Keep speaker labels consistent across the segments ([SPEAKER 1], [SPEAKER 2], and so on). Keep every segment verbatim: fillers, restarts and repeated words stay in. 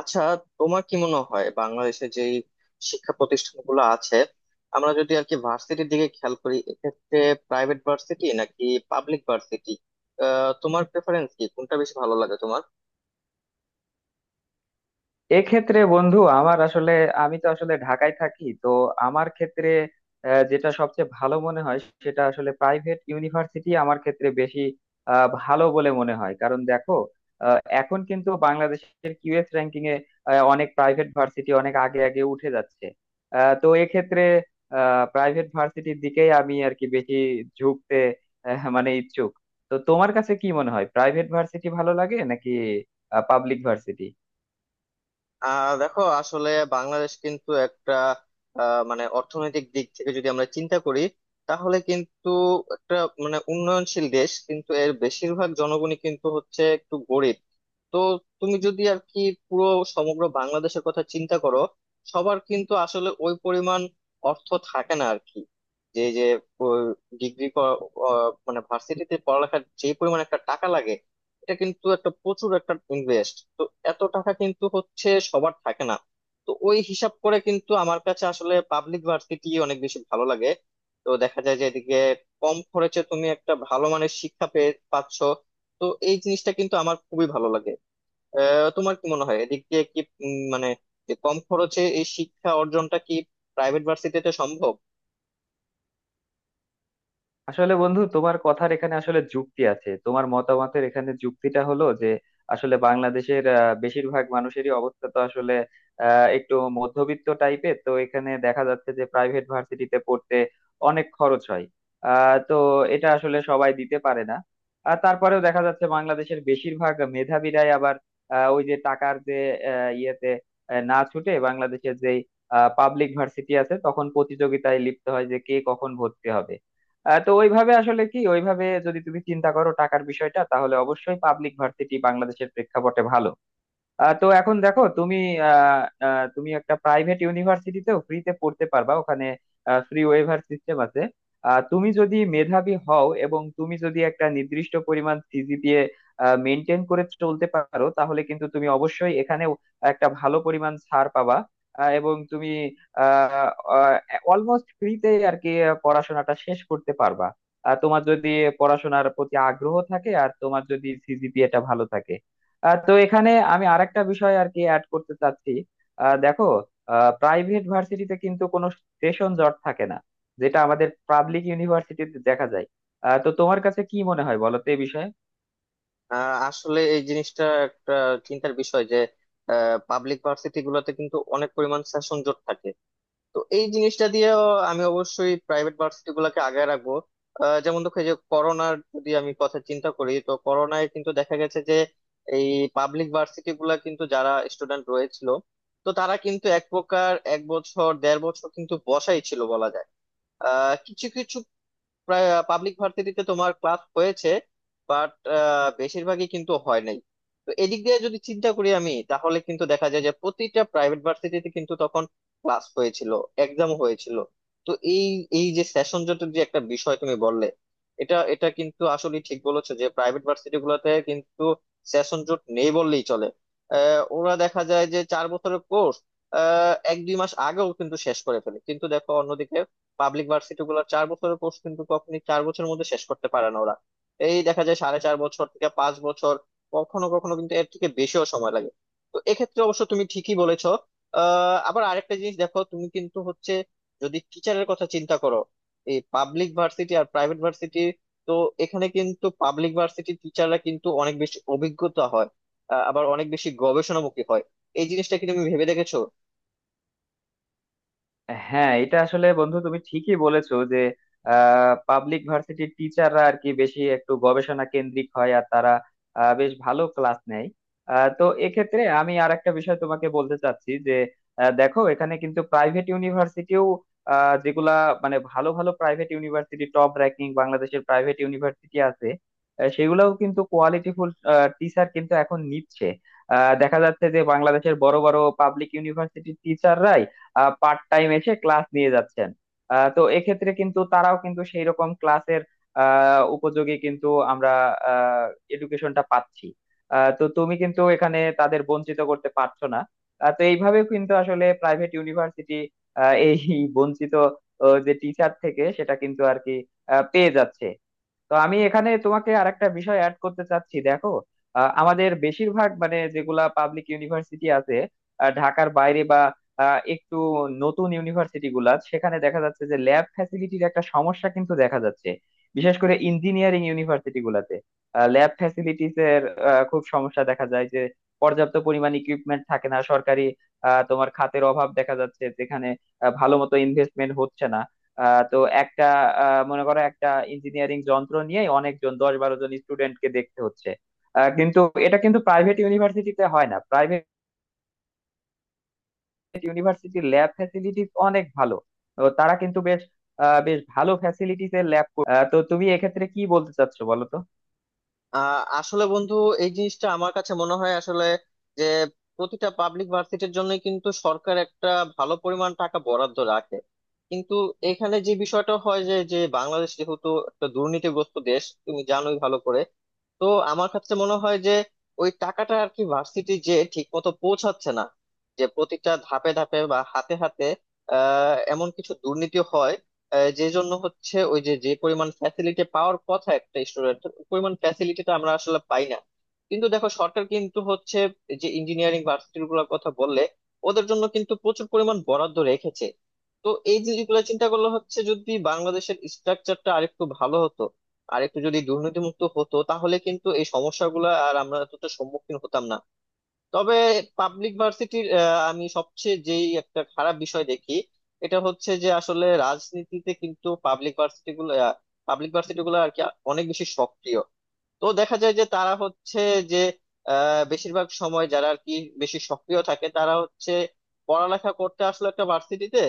[SPEAKER 1] আচ্ছা, তোমার কি মনে হয় বাংলাদেশে যে শিক্ষা প্রতিষ্ঠানগুলো আছে, আমরা যদি আর কি ভার্সিটির দিকে খেয়াল করি, এক্ষেত্রে প্রাইভেট ভার্সিটি নাকি পাবলিক ভার্সিটি তোমার প্রেফারেন্স, কি কোনটা বেশি ভালো লাগে তোমার?
[SPEAKER 2] এক্ষেত্রে বন্ধু আমার আসলে আমি তো আসলে ঢাকায় থাকি, তো আমার ক্ষেত্রে আহ, যেটা সবচেয়ে ভালো মনে হয় সেটা আসলে প্রাইভেট ইউনিভার্সিটি আমার ক্ষেত্রে বেশি আহ, ভালো বলে মনে হয়। কারণ দেখো, আহ, এখন কিন্তু বাংলাদেশের কিউ এস র্যাঙ্কিং এ আহ, অনেক প্রাইভেট ভার্সিটি অনেক আগে আগে উঠে যাচ্ছে। আহ, তো এক্ষেত্রে প্রাইভেট ভার্সিটির দিকেই আমি আর কি বেশি ঝুঁকতে আহ, মানে ইচ্ছুক। তো তোমার কাছে কি মনে হয়, প্রাইভেট ভার্সিটি ভালো লাগে নাকি পাবলিক ভার্সিটি?
[SPEAKER 1] আহ দেখো, আসলে বাংলাদেশ কিন্তু একটা আহ, মানে অর্থনৈতিক দিক থেকে যদি আমরা চিন্তা করি তাহলে কিন্তু একটা, মানে উন্নয়নশীল দেশ, কিন্তু এর বেশিরভাগ জনগণই কিন্তু হচ্ছে একটু গরিব। তো তুমি যদি আর কি পুরো সমগ্র বাংলাদেশের কথা চিন্তা করো, সবার কিন্তু আসলে ওই পরিমাণ অর্থ থাকে না আর কি। যে যে ডিগ্রি, মানে ভার্সিটিতে পড়ালেখার যে পরিমাণ একটা টাকা লাগে, এটা কিন্তু একটা প্রচুর একটা ইনভেস্ট। তো এত টাকা কিন্তু হচ্ছে সবার থাকে না। তো ওই হিসাব করে কিন্তু আমার কাছে আসলে পাবলিক ভার্সিটি অনেক বেশি ভালো লাগে। তো দেখা যায় যে এদিকে কম খরচে তুমি একটা ভালো মানের শিক্ষা পেয়ে পাচ্ছ। তো এই জিনিসটা কিন্তু আমার খুবই ভালো লাগে। আহ, তোমার কি মনে হয় এদিক দিয়ে কি, উম, মানে যে কম খরচে এই শিক্ষা অর্জনটা কি প্রাইভেট ভার্সিটিতে সম্ভব?
[SPEAKER 2] আসলে বন্ধু তোমার কথার এখানে আসলে যুক্তি আছে, তোমার মতামতের এখানে যুক্তিটা হলো যে আসলে বাংলাদেশের আহ, বেশিরভাগ মানুষেরই অবস্থা তো আসলে আহ, একটু মধ্যবিত্ত টাইপের। তো এখানে দেখা যাচ্ছে যে প্রাইভেট ভার্সিটিতে পড়তে অনেক খরচ হয়। আহ তো এটা আসলে সবাই দিতে পারে না। আর তারপরেও দেখা যাচ্ছে বাংলাদেশের বেশিরভাগ মেধাবীরাই আবার আহ, ওই যে টাকার যে আহ, ইয়েতে আহ, না ছুটে বাংলাদেশের যে পাবলিক ভার্সিটি আছে তখন প্রতিযোগিতায় লিপ্ত হয় যে কে কখন ভর্তি হবে। আহ, তো ওইভাবে আসলে কি, ওইভাবে যদি তুমি চিন্তা করো টাকার বিষয়টা, তাহলে অবশ্যই পাবলিক ভার্সিটি বাংলাদেশের প্রেক্ষাপটে ভালো। আহ, তো এখন দেখো তুমি, আহ, আহ, তুমি একটা প্রাইভেট ইউনিভার্সিটিতেও ফ্রিতে পড়তে পারবা। ওখানে ফ্রি ওয়েভার সিস্টেম আছে। আহ, তুমি যদি মেধাবী হও এবং তুমি যদি একটা নির্দিষ্ট পরিমাণ C G P A maintain করে চলতে পারো, তাহলে কিন্তু তুমি অবশ্যই এখানেও একটা ভালো পরিমাণ ছাড় পাবা। আহ, এবং তুমি অলমোস্ট ফ্রিতে আর কি পড়াশোনাটা শেষ করতে পারবা, আর তোমার যদি পড়াশোনার প্রতি আগ্রহ থাকে আর তোমার যদি সি জি পি এটা ভালো থাকে। আহ, তো এখানে আমি আরেকটা বিষয় আর কি অ্যাড করতে চাচ্ছি। আহ, দেখো, প্রাইভেট ভার্সিটিতে কিন্তু কোনো সেশন জট থাকে না, যেটা আমাদের পাবলিক ইউনিভার্সিটিতে দেখা যায়। আহ, তো তোমার কাছে কি মনে হয় বলো তো এই বিষয়ে?
[SPEAKER 1] আহ, আসলে এই জিনিসটা একটা চিন্তার বিষয় যে পাবলিক ভার্সিটি গুলোতে কিন্তু অনেক পরিমাণ সেশন জট থাকে। তো এই জিনিসটা দিয়েও আমি অবশ্যই প্রাইভেট ভার্সিটি গুলাকে আগায় রাখবো। আহ, যেমন দেখো, এই যে করোনার যদি আমি কথা চিন্তা করি, তো করোনায় কিন্তু দেখা গেছে যে এই পাবলিক ভার্সিটি গুলা কিন্তু যারা স্টুডেন্ট রয়েছিল, তো তারা কিন্তু এক প্রকার এক বছর দেড় বছর কিন্তু বসাই ছিল বলা যায়। আহ কিছু কিছু প্রায় পাবলিক ভার্সিটিতে তোমার ক্লাস হয়েছে, বাট বেশিরভাগই কিন্তু হয় নাই। তো এদিক দিয়ে যদি চিন্তা করি আমি, তাহলে কিন্তু দেখা যায় যে প্রতিটা প্রাইভেট ভার্সিটিতে কিন্তু তখন ক্লাস হয়েছিল, এক্সাম হয়েছিল। তো এই এই যে সেশন জট যে একটা বিষয় তুমি বললে, এটা এটা কিন্তু আসলে ঠিক বলেছো যে প্রাইভেট ভার্সিটি গুলোতে কিন্তু সেশন জট নেই বললেই চলে। আহ, ওরা দেখা যায় যে চার বছরের কোর্স এক দুই মাস আগেও কিন্তু শেষ করে ফেলে, কিন্তু দেখো অন্যদিকে পাবলিক ভার্সিটি গুলো চার বছরের কোর্স কিন্তু কখনই চার বছরের মধ্যে শেষ করতে পারে না ওরা। এই দেখা যায় সাড়ে চার বছর থেকে পাঁচ বছর, কখনো কখনো কিন্তু এর থেকে বেশিও সময় লাগে। তো এক্ষেত্রে অবশ্য তুমি ঠিকই বলেছো। আহ আবার আরেকটা জিনিস দেখো, তুমি কিন্তু হচ্ছে যদি টিচারের কথা চিন্তা করো, এই পাবলিক ভার্সিটি আর প্রাইভেট ভার্সিটি, তো এখানে কিন্তু পাবলিক ভার্সিটি টিচাররা কিন্তু অনেক বেশি অভিজ্ঞতা হয়। আহ, আবার অনেক বেশি গবেষণামুখী হয়। এই জিনিসটা কি তুমি ভেবে দেখেছো?
[SPEAKER 2] হ্যাঁ, এটা আসলে বন্ধু তুমি ঠিকই বলেছো যে পাবলিক ভার্সিটির টিচাররা আর কি বেশি একটু গবেষণা কেন্দ্রিক হয় আর তারা আহ, বেশ ভালো ক্লাস নেয়। আহ, তো এক্ষেত্রে আমি আর একটা বিষয় তোমাকে বলতে চাচ্ছি যে আহ, দেখো, এখানে কিন্তু প্রাইভেট ইউনিভার্সিটিও যেগুলা মানে ভালো ভালো প্রাইভেট ইউনিভার্সিটি, টপ র্যাঙ্কিং বাংলাদেশের প্রাইভেট ইউনিভার্সিটি আছে, আহ, সেগুলাও কিন্তু কোয়ালিটিফুল টিচার কিন্তু এখন নিচ্ছে। আহ, দেখা যাচ্ছে যে বাংলাদেশের বড় বড় পাবলিক ইউনিভার্সিটির টিচাররাই পার্ট টাইম এসে ক্লাস নিয়ে যাচ্ছেন। আহ, তো এক্ষেত্রে কিন্তু তারাও কিন্তু সেই রকম ক্লাসের আহ, উপযোগী কিন্তু আমরা এডুকেশনটা পাচ্ছি। আহ, তো তুমি কিন্তু এখানে তাদের বঞ্চিত করতে পারছো না। আহ, তো এইভাবেও কিন্তু আসলে প্রাইভেট ইউনিভার্সিটি এই বঞ্চিত ও যে টিচার থেকে সেটা কিন্তু আর কি আহ, পেয়ে যাচ্ছে। তো আমি এখানে তোমাকে আরেকটা বিষয় অ্যাড করতে চাচ্ছি দেখো, আহ, আমাদের বেশিরভাগ মানে যেগুলা পাবলিক ইউনিভার্সিটি আছে আহ, ঢাকার বাইরে বা আহ, একটু নতুন ইউনিভার্সিটি গুলা, সেখানে দেখা যাচ্ছে যে ল্যাব ফ্যাসিলিটির একটা সমস্যা কিন্তু দেখা যাচ্ছে, বিশেষ করে ইঞ্জিনিয়ারিং ইউনিভার্সিটি গুলাতে ল্যাব ফ্যাসিলিটিস এর আহ, খুব সমস্যা দেখা যায় যে পর্যাপ্ত পরিমাণ ইকুইপমেন্ট থাকে না। সরকারি আহ, তোমার খাতের অভাব দেখা যাচ্ছে, যেখানে আহ, ভালো মতো ইনভেস্টমেন্ট হচ্ছে না। আহ তো একটা আহ মনে করো একটা ইঞ্জিনিয়ারিং যন্ত্র নিয়ে অনেকজন দশ বারো জন স্টুডেন্টকে দেখতে হচ্ছে। আহ কিন্তু এটা কিন্তু প্রাইভেট ইউনিভার্সিটিতে হয় না। প্রাইভেট ইউনিভার্সিটির ল্যাব ফ্যাসিলিটিস অনেক ভালো, তো তারা কিন্তু বেশ আহ বেশ ভালো ফ্যাসিলিটিস এর ল্যাব। তো তুমি এক্ষেত্রে কি বলতে চাচ্ছো বলো তো?
[SPEAKER 1] আহ আসলে বন্ধু, এই জিনিসটা আমার কাছে মনে হয় আসলে যে প্রতিটা পাবলিক ভার্সিটির জন্য কিন্তু সরকার একটা ভালো পরিমাণ টাকা বরাদ্দ রাখে, কিন্তু এখানে যে বিষয়টা হয় যে যে বাংলাদেশ যেহেতু একটা দুর্নীতিগ্রস্ত দেশ, তুমি জানোই ভালো করে। তো আমার কাছে মনে হয় যে ওই টাকাটা আর কি ভার্সিটি যে ঠিক মতো পৌঁছাচ্ছে না, যে প্রতিটা ধাপে ধাপে বা হাতে হাতে আহ এমন কিছু দুর্নীতি হয়, আহ, যে জন্য হচ্ছে ওই যে যে পরিমাণ ফ্যাসিলিটি পাওয়ার কথা একটা স্টুডেন্টের, পরিমাণ ফ্যাসিলিটিটা আমরা আসলে পাই না। কিন্তু দেখো সরকার কিন্তু হচ্ছে যে ইঞ্জিনিয়ারিং ভার্সিটি গুলোর কথা বললে, ওদের জন্য কিন্তু প্রচুর পরিমাণ বরাদ্দ রেখেছে। তো এই জিনিসগুলো চিন্তা করলে হচ্ছে যদি বাংলাদেশের স্ট্রাকচারটা আরেকটু ভালো হতো, আরেকটু যদি দুর্নীতিমুক্ত হতো, তাহলে কিন্তু এই সমস্যাগুলো আর আমরা এতটা সম্মুখীন হতাম না। তবে পাবলিক ভার্সিটির আমি সবচেয়ে যেই একটা খারাপ বিষয় দেখি, এটা হচ্ছে যে আসলে রাজনীতিতে কিন্তু পাবলিক ভার্সিটি গুলো পাবলিক ভার্সিটি গুলো আর কি অনেক বেশি সক্রিয়। তো দেখা যায় যে তারা হচ্ছে যে আহ, বেশিরভাগ সময় যারা আর কি বেশি সক্রিয় থাকে তারা হচ্ছে পড়ালেখা করতে আসলো একটা ভার্সিটিতে,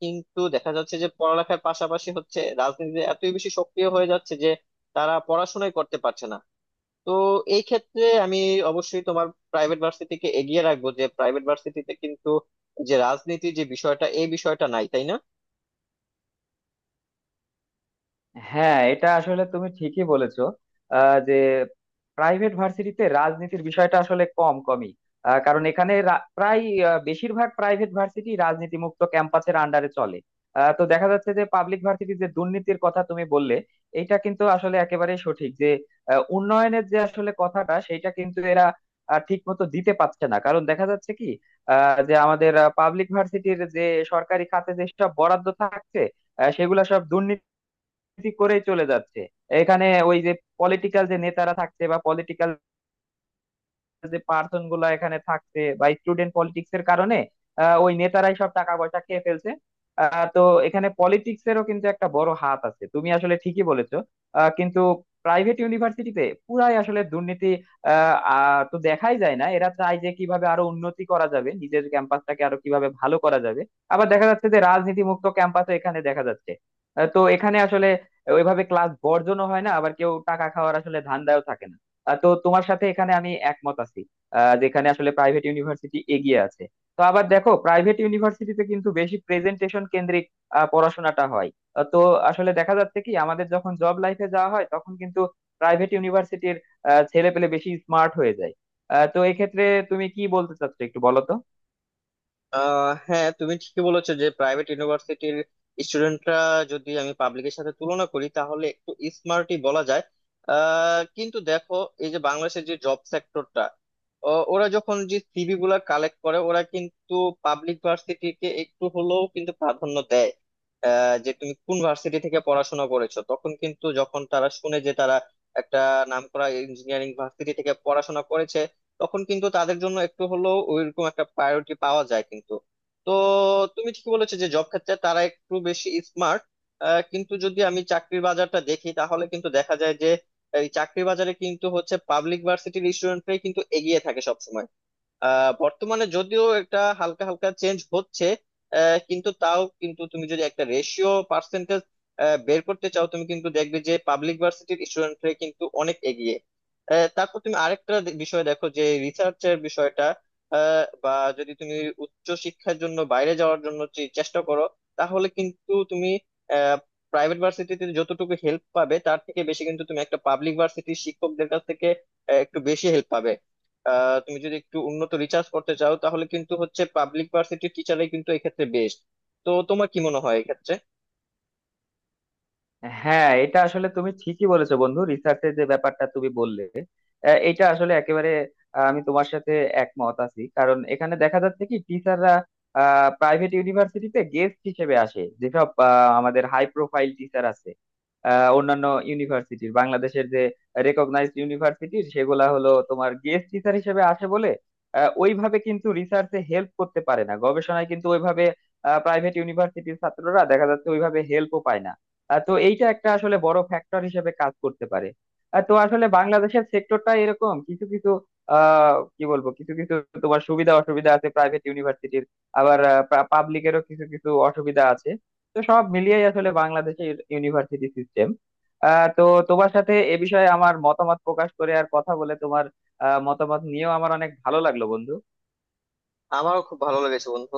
[SPEAKER 1] কিন্তু দেখা যাচ্ছে যে পড়ালেখার পাশাপাশি হচ্ছে রাজনীতিতে এতই বেশি সক্রিয় হয়ে যাচ্ছে যে তারা পড়াশোনাই করতে পারছে না। তো এই ক্ষেত্রে আমি অবশ্যই তোমার প্রাইভেট ভার্সিটিকে এগিয়ে রাখবো যে প্রাইভেট ভার্সিটিতে কিন্তু যে রাজনীতি যে বিষয়টা, এই বিষয়টা নাই, তাই না?
[SPEAKER 2] হ্যাঁ, এটা আসলে তুমি ঠিকই বলেছো। আহ, যে প্রাইভেট ভার্সিটিতে রাজনীতির বিষয়টা আসলে কম কমই। আহ, কারণ এখানে রা- প্রায় আহ, বেশিরভাগ প্রাইভেট ভার্সিটি রাজনীতি মুক্ত ক্যাম্পাসের আন্ডারে চলে। আহ, তো দেখা যাচ্ছে যে পাবলিক ভার্সিটির যে দুর্নীতির কথা তুমি বললে, এটা কিন্তু আসলে একেবারে সঠিক। যে আহ, উন্নয়নের যে আসলে কথাটা, সেটা কিন্তু এরা ঠিক মতো দিতে পারছে না, কারণ দেখা যাচ্ছে কি আহ, যে আমাদের পাবলিক ভার্সিটির যে সরকারি খাতে যেসব বরাদ্দ থাকছে, আহ, সেগুলা সব দুর্নীতি রাজনীতি করেই চলে যাচ্ছে। এখানে ওই যে পলিটিক্যাল যে নেতারা থাকছে বা পলিটিক্যাল যে পার্সন গুলা এখানে থাকছে বা স্টুডেন্ট পলিটিক্স এর কারণে আহ, ওই নেতারাই সব টাকা পয়সা খেয়ে ফেলছে। আহ, তো এখানে পলিটিক্স এরও কিন্তু একটা বড় হাত আছে, তুমি আসলে ঠিকই বলেছো। আহ, কিন্তু প্রাইভেট ইউনিভার্সিটিতে পুরাই আসলে দুর্নীতি আহ আহ, তো দেখাই যায় না। এরা চায় যে কিভাবে আরো উন্নতি করা যাবে, নিজের ক্যাম্পাসটাকে আরো কিভাবে ভালো করা যাবে। আবার দেখা যাচ্ছে যে রাজনীতি মুক্ত ক্যাম্পাসও এখানে দেখা যাচ্ছে। আহ, তো এখানে আসলে ওইভাবে ক্লাস বর্জনও হয় না, আবার কেউ টাকা খাওয়ার আসলে ধান্দাও থাকে না। আহ, তো তোমার সাথে এখানে আমি একমত আছি আহ, যেখানে আসলে প্রাইভেট ইউনিভার্সিটি এগিয়ে আছে। তো আবার দেখো, প্রাইভেট ইউনিভার্সিটিতে কিন্তু বেশি প্রেজেন্টেশন কেন্দ্রিক আহ, পড়াশোনাটা হয়। আহ, তো আসলে দেখা যাচ্ছে কি আমাদের যখন জব লাইফে যাওয়া হয় তখন কিন্তু প্রাইভেট ইউনিভার্সিটির ছেলে পেলে বেশি স্মার্ট হয়ে যায়। আহ, তো এক্ষেত্রে তুমি কি বলতে চাচ্ছো একটু বলো তো?
[SPEAKER 1] আহ হ্যাঁ, তুমি ঠিকই বলেছো যে প্রাইভেট ইউনিভার্সিটির স্টুডেন্টরা, যদি আমি পাবলিকের সাথে তুলনা করি, তাহলে একটু স্মার্টই বলা যায়। আহ, কিন্তু দেখো, এই যে বাংলাদেশের যে জব সেক্টরটা, ওরা যখন যে সিভি গুলা কালেক্ট করে ওরা কিন্তু পাবলিক ভার্সিটিকে একটু হলেও কিন্তু প্রাধান্য দেয়। আহ, যে তুমি কোন ভার্সিটি থেকে পড়াশোনা করেছো, তখন কিন্তু যখন তারা শুনে যে তারা একটা নামকরা ইঞ্জিনিয়ারিং ভার্সিটি থেকে পড়াশোনা করেছে, তখন কিন্তু তাদের জন্য একটু হলেও ওইরকম একটা প্রায়োরিটি পাওয়া যায় কিন্তু। তো তুমি ঠিকই বলেছো যে জব ক্ষেত্রে তারা একটু বেশি স্মার্ট, কিন্তু যদি আমি চাকরির বাজারটা দেখি তাহলে কিন্তু দেখা যায় যে এই চাকরির বাজারে কিন্তু হচ্ছে পাবলিক ভার্সিটির স্টুডেন্টরাই কিন্তু এগিয়ে থাকে সবসময়। আহ বর্তমানে যদিও একটা হালকা হালকা চেঞ্জ হচ্ছে, আহ, কিন্তু তাও কিন্তু তুমি যদি একটা রেশিও পার্সেন্টেজ বের করতে চাও, তুমি কিন্তু দেখবে যে পাবলিক ভার্সিটির স্টুডেন্টরা কিন্তু অনেক এগিয়ে। আহ, তারপর তুমি আরেকটা দে- বিষয় দেখো, যে রিসার্চের বিষয়টা, আহ, বা যদি তুমি উচ্চ শিক্ষার জন্য বাইরে যাওয়ার জন্য চে- চেষ্টা করো, তাহলে কিন্তু তুমি প্রাইভেট ভার্সিটিতে যতটুকু হেল্প পাবে তার থেকে বেশি কিন্তু তুমি একটা পাবলিক ভার্সিটির শিক্ষকদের কাছ থেকে আহ, একটু বেশি হেল্প পাবে। আহ, তুমি যদি একটু উন্নত রিসার্চ করতে চাও, তাহলে কিন্তু হচ্ছে পাবলিক ভার্সিটির টিচারই কিন্তু এক্ষেত্রে বেস্ট। তো তোমার কি মনে হয় এক্ষেত্রে?
[SPEAKER 2] হ্যাঁ, এটা আসলে তুমি ঠিকই বলেছো বন্ধু, রিসার্চের যে ব্যাপারটা তুমি বললে আহ, এটা আসলে একেবারে আহ, আমি তোমার সাথে একমত আছি। কারণ এখানে দেখা যাচ্ছে কি টিচাররা প্রাইভেট ইউনিভার্সিটিতে গেস্ট হিসেবে আসে, যেসব আহ, আমাদের হাই প্রোফাইল টিচার আছে আহ, অন্যান্য ইউনিভার্সিটির, বাংলাদেশের যে রেকগনাইজড ইউনিভার্সিটির, সেগুলা হলো তোমার গেস্ট টিচার হিসেবে আসে বলে আহ, ওইভাবে কিন্তু রিসার্চে হেল্প করতে পারে না, গবেষণায় কিন্তু ওইভাবে প্রাইভেট ইউনিভার্সিটির ছাত্ররা দেখা যাচ্ছে ওইভাবে হেল্পও পায় না। আহ তো এইটা একটা আসলে বড় ফ্যাক্টর হিসেবে কাজ করতে পারে। আহ তো আসলে বাংলাদেশের সেক্টরটা এরকম কিছু কিছু আহ কি বলবো, কিছু কিছু তোমার সুবিধা অসুবিধা আছে প্রাইভেট ইউনিভার্সিটির, আবার পাবলিকেরও কিছু কিছু অসুবিধা আছে। তো সব মিলিয়েই আসলে বাংলাদেশের ইউনিভার্সিটি সিস্টেম। আহ তো তোমার সাথে এ বিষয়ে আমার মতামত প্রকাশ করে আর কথা বলে তোমার আহ মতামত নিয়েও আমার অনেক ভালো লাগলো বন্ধু।
[SPEAKER 1] আমারও খুব ভালো লেগেছে বন্ধু।